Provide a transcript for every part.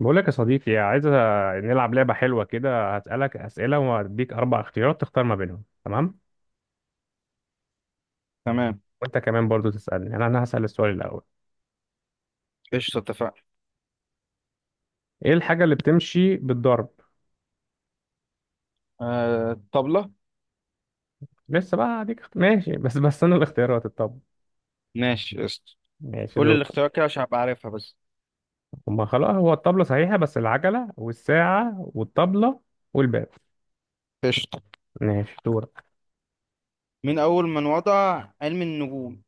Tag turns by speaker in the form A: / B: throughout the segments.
A: بقول لك يا صديقي، عايز نلعب لعبة حلوة كده. هسألك أسئلة وهديك 4 اختيارات تختار ما بينهم، تمام؟
B: تمام.
A: وأنت كمان برضو تسألني. أنا هسأل السؤال الأول.
B: قشطة، اتفقنا.
A: إيه الحاجة اللي بتمشي بالضرب؟
B: آه، طبلة.
A: لسه بقى هديك ماشي. بس أنا الاختيارات الطب،
B: ماشي، قشطة.
A: ماشي
B: قول لي
A: دول.
B: الاختيارات كده عشان أبقى عارفها بس.
A: هما خلاص، هو الطبلة صحيحة، بس العجلة والساعة والطبلة والباب.
B: قشطة.
A: ماشي، دور.
B: من أول من وضع علم النجوم؟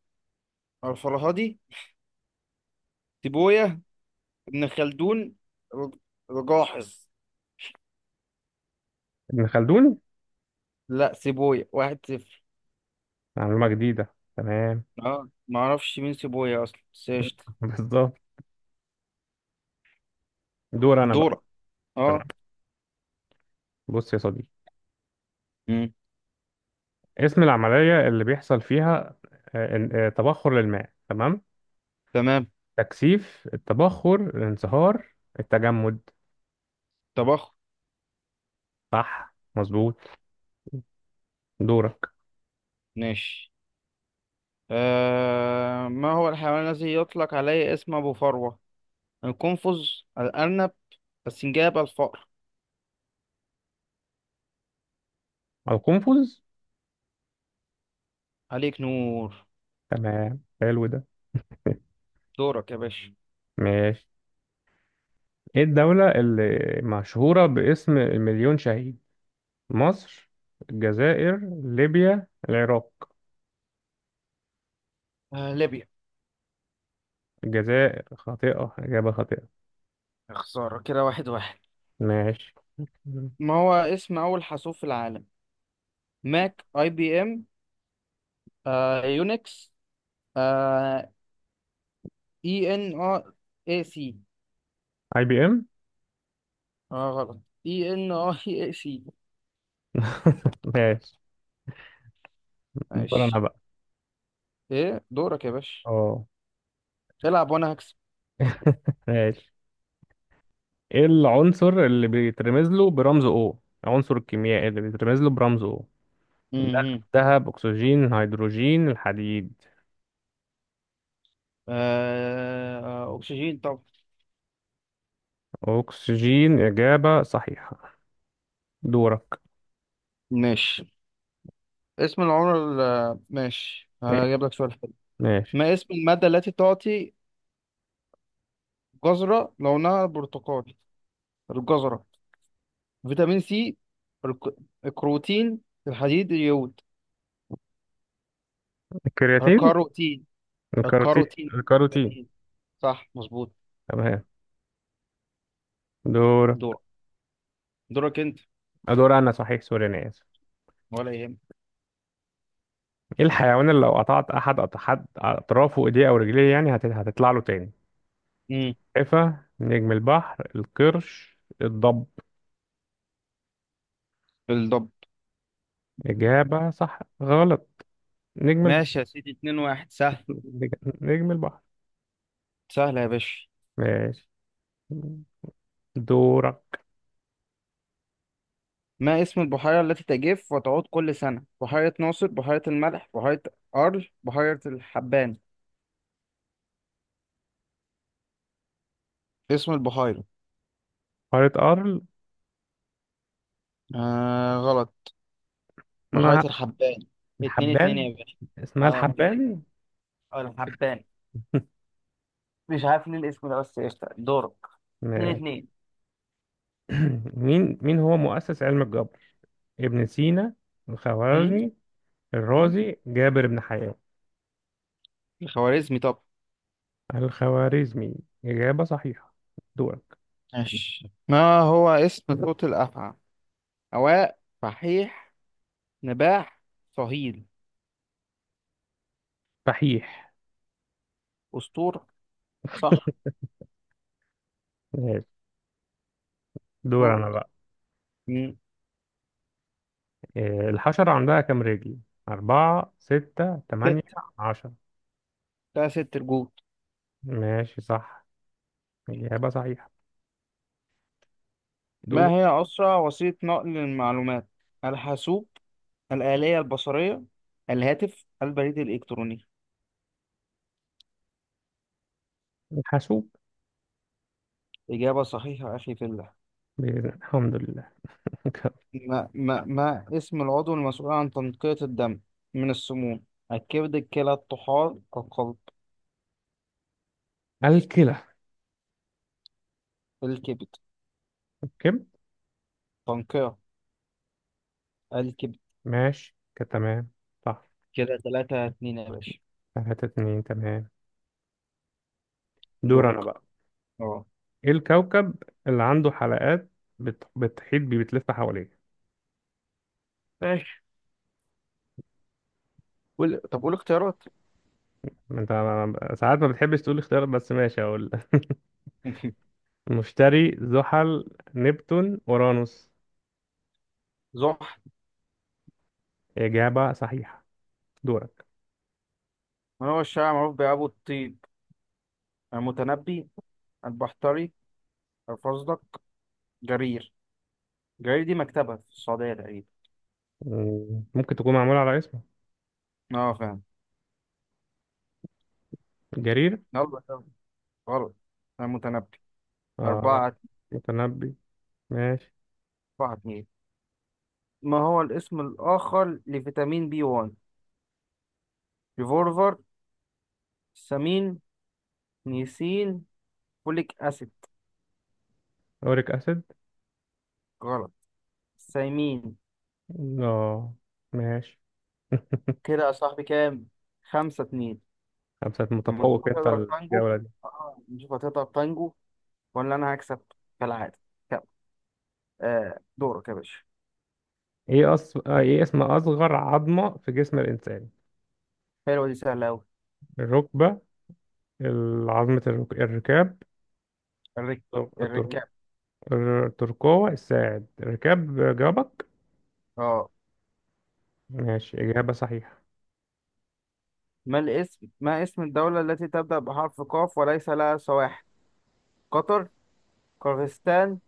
B: الفرهادي. سيبوية. ابن خلدون. رج- رجاحظ.
A: ابن خلدون،
B: لا، سيبوية. 1-0.
A: معلومة جديدة، تمام.
B: اه، ما اعرفش مين سيبوية أصلا، بس قشطة.
A: بالظبط. دور أنا بقى.
B: دورة. اه.
A: تمام. بص يا صديقي،
B: مم.
A: اسم العملية اللي بيحصل فيها تبخر للماء، تمام؟
B: تمام.
A: تكثيف، التبخر، الانصهار، التجمد.
B: طبخ.
A: صح، مظبوط. دورك.
B: ماشي. ما هو الحيوان الذي يطلق عليه اسم أبو فروة؟ القنفذ، الأرنب، السنجاب، الفأر.
A: القنفذ.
B: عليك نور.
A: تمام، حلو ده.
B: دورك يا باشا.
A: ماشي. ايه الدولة اللي مشهورة باسم المليون شهيد؟ مصر، الجزائر، ليبيا، العراق.
B: آه، ليبيا.
A: الجزائر خاطئة، إجابة خاطئة.
B: يا خسارة، كده واحد واحد.
A: ماشي.
B: ما هو اسم أول حاسوب في العالم؟ ماك، أي بي إم، آه، يونكس، آه، إي إن آه إي سي.
A: IBM.
B: آه، غلط. إي إن آه إي سي.
A: ماشي. دور انا
B: ماشي.
A: بقى.
B: إيه، دورك يا باشا.
A: اه.
B: العب وأنا هكسب.
A: ماشي. ايه العنصر اللي بيترمز له برمز او، العنصر الكيميائي اللي بيترمز له برمز او ده؟
B: مهم.
A: ذهب، اكسجين، هيدروجين، الحديد.
B: آه، آه، أكسجين طبعا.
A: اكسجين، اجابة صحيحة. دورك.
B: ماشي. ماشي،
A: إيه؟
B: هجيب لك سؤال حلو.
A: ماشي.
B: ما اسم المادة التي تعطي جزرة لونها برتقالي؟ الجزرة، فيتامين سي، الك- الكروتين، الحديد، اليود.
A: الكرياتين.
B: الكاروتين.
A: الكاروتين.
B: الكاروتين.
A: الكاروتين.
B: كروتين. صح، مظبوط.
A: تمام. دور.
B: دورك. دورك انت.
A: دور انا صحيح، سوري، انا اسف.
B: ولا يهمك.
A: ايه الحيوان اللي لو قطعت احد اطرافه، ايديه او رجليه يعني، هتطلع له تاني؟
B: امم.
A: السلحفة، نجم البحر، القرش، الضب.
B: بالضبط.
A: اجابة صح غلط. نجم.
B: ماشي يا سيدي، 2-1. سهل.
A: نج- نجم البحر.
B: سهل يا باشا.
A: ماشي، دورك.
B: ما اسم البحيرة التي تجف وتعود كل سنة؟ بحيرة ناصر، بحيرة الملح، بحيرة بحيرة الحبان. اسم البحيرة.
A: قارة أرل.
B: آه، غلط. بحيرة
A: اسمها
B: الحبان. اتنين اتنين
A: الحبان.
B: يا باشا.
A: اسمها
B: اه، اتنين.
A: الحبان.
B: آه، الحبان. مش عارف ليه الاسم ده بس، قشطة، دورك. اتنين
A: ماشي.
B: اتنين.
A: مين هو مؤسس علم الجبر؟ ابن سينا،
B: هم؟
A: الخوارزمي،
B: هم؟
A: الرازي، جابر بن حيان.
B: الخوارزمي. طب.
A: الخوارزمي، إجابة صحيحة. دورك.
B: ماشي. ما هو اسم صوت الأفعى؟ أواء، فحيح، نباح، صهيل.
A: صحيح.
B: أسطور. صح.
A: ماشي. دور
B: دور.
A: أنا بقى.
B: هم.
A: إيه، الحشرة عندها كام رجل؟ 4، 6، 8،
B: ست.
A: 10.
B: ده ست الجود.
A: ماشي صح، إجابة صحيحة.
B: ما
A: دور.
B: هي أسرع وسيلة نقل المعلومات؟ الحاسوب، الآلية البصرية، الهاتف، البريد الإلكتروني.
A: الحاسوب.
B: إجابة صحيحة أخي في الله.
A: الحمد لله.
B: ما اسم العضو المسؤول عن تنقية الدم من السموم؟ الكبد، الكلى، الطحال، القلب.
A: الكلى.
B: الكبد.
A: كم؟
B: تنقية. الكب.
A: ماشي كده، تمام. صح.
B: كده 3-2 يا باشا.
A: 3-2، تمام. دور أنا
B: دورك.
A: بقى.
B: اه.
A: إيه الكوكب اللي عنده حلقات بتحيط بيه، بتلف حواليه؟
B: ماشي، قول. طب قول اختيارات.
A: ما أنت ساعات ما بتحبش تقول اختيارات، بس ماشي أقول. مشتري، زحل، نبتون، أورانوس.
B: زحل.
A: إجابة صحيحة. دورك.
B: من هو الشاعر معروف بأبو الطيب؟ المتنبي، البحتري، الفزلق، جرير. جرير دي مكتبة في السعودية تقريبا.
A: مم، ممكن تكون معمولة على اسمه.
B: اه، فاهم.
A: جرير.
B: يلا يلا. غلط. المتنبي.
A: آه،
B: أربعة.
A: متنبي. ماشي.
B: 4-2. ما هو الاسم الآخر لفيتامين بي 1؟ ريفولفر، سامين، نيسين، فوليك أسيد.
A: أوريك أسيد.
B: غلط. سيمين.
A: آه. ماشي.
B: كده يا صاحبي، كام؟ 5-2.
A: خمسة،
B: الماتش.
A: متفوق انت
B: هتقدر تانجو؟
A: الجولة دي.
B: اه، نشوف هتقدر تانجو. ولا انا هكسب كالعادة؟ كم. آه، دورك يا باشا.
A: ايه أص... آه، ايه اسم اصغر عظمة في جسم الانسان؟
B: حلوة دي، سهلة أوي.
A: الركبة، عظمة الركاب.
B: الرك...
A: التر...
B: الركاب.
A: الترقوة، الساعد، الركاب، جابك.
B: اه.
A: ماشي، إجابة صحيحة.
B: ما اسم الدولة التي تبدأ بحرف قاف وليس لها سواحل؟ قطر، قرغيزستان،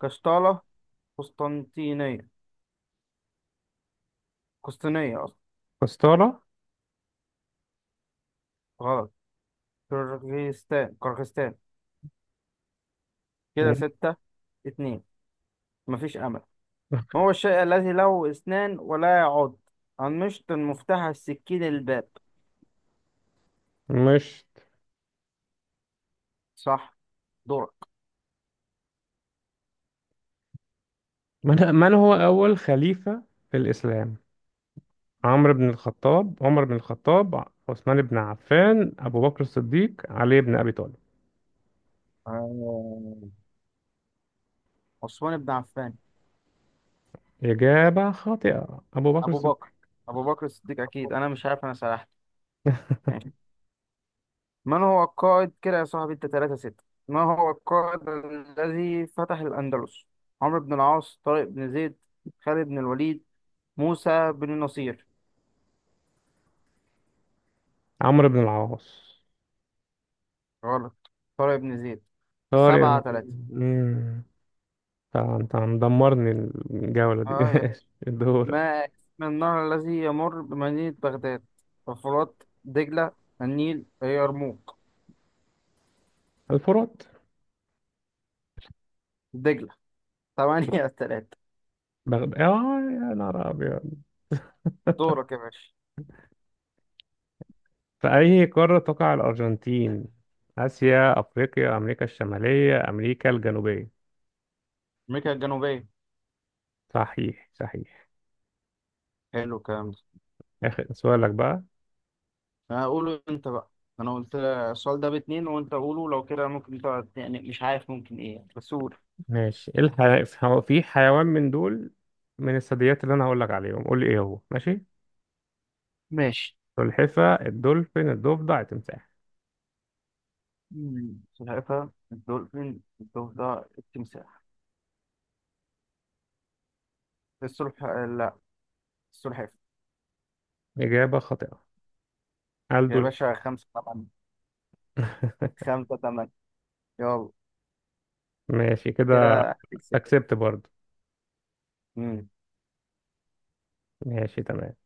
B: قشطالة، قسطنطينية. قسطينية أصلا.
A: قسطرة.
B: غلط. قرغيزستان، قرغيزستان. كده 6-2. مفيش أمل. ما هو الشيء الذي له أسنان ولا يعض؟ المشط، المفتاح، السكين، الباب.
A: مش.
B: صح. دورك.
A: من هو أول خليفة في الإسلام؟ عمرو بن الخطاب، عمر بن الخطاب، عثمان بن عفان، أبو بكر الصديق، علي بن أبي طالب.
B: آه... عثمان بن عفان.
A: إجابة خاطئة، أبو بكر
B: أبو
A: الصديق.
B: بكر. أبو بكر الصديق أكيد. أنا مش عارف، أنا سرحت. ماشي. من هو القائد، كده يا صاحبي أنت 3 6، ما هو القائد الذي فتح الأندلس؟ عمرو بن العاص، طارق بن زيد، خالد بن الوليد، موسى بن النصير.
A: عمرو بن العاص.
B: غلط. طارق بن زيد. سبعة
A: طارق.
B: تلاتة
A: امم، انت مدمرني الجولة دي.
B: اه يا.
A: الدورة.
B: ما اسم النهر الذي يمر بمدينة بغداد؟ الفرات، دجلة، النيل، اليرموك.
A: الفرات.
B: دجلة. 8-3.
A: بغداد اه، يا نهار ابيض.
B: دورك يا باشا.
A: في اي قارة تقع الارجنتين؟ اسيا، افريقيا، امريكا الشمالية، امريكا الجنوبية.
B: أمريكا الجنوبية.
A: صحيح، صحيح.
B: حلو الكلام ده.
A: اخر سؤالك بقى.
B: أنا أقوله أنت بقى. أنا قلت السؤال ده باتنين، وأنت قوله. لو كده ممكن تقعد يعني مش عارف ممكن إيه يعني. بس قول.
A: ماشي. ايه في حيوان من دول، من الثدييات، اللي انا هقول لك عليهم قول لي ايه هو، ماشي؟
B: ماشي.
A: سلحفة، الدولفين، الضفدع، التمساح.
B: مم. سلحفاة، الدولفين، الضفدع، التمساح. لا. السلحفاة.
A: اجابة خاطئة،
B: يا
A: الدولفين.
B: باشا، خمسة طبعا. 5-8. يلا.
A: ماشي كده.
B: كده هتكسب.
A: اكسبت برضه. ماشي، تمام.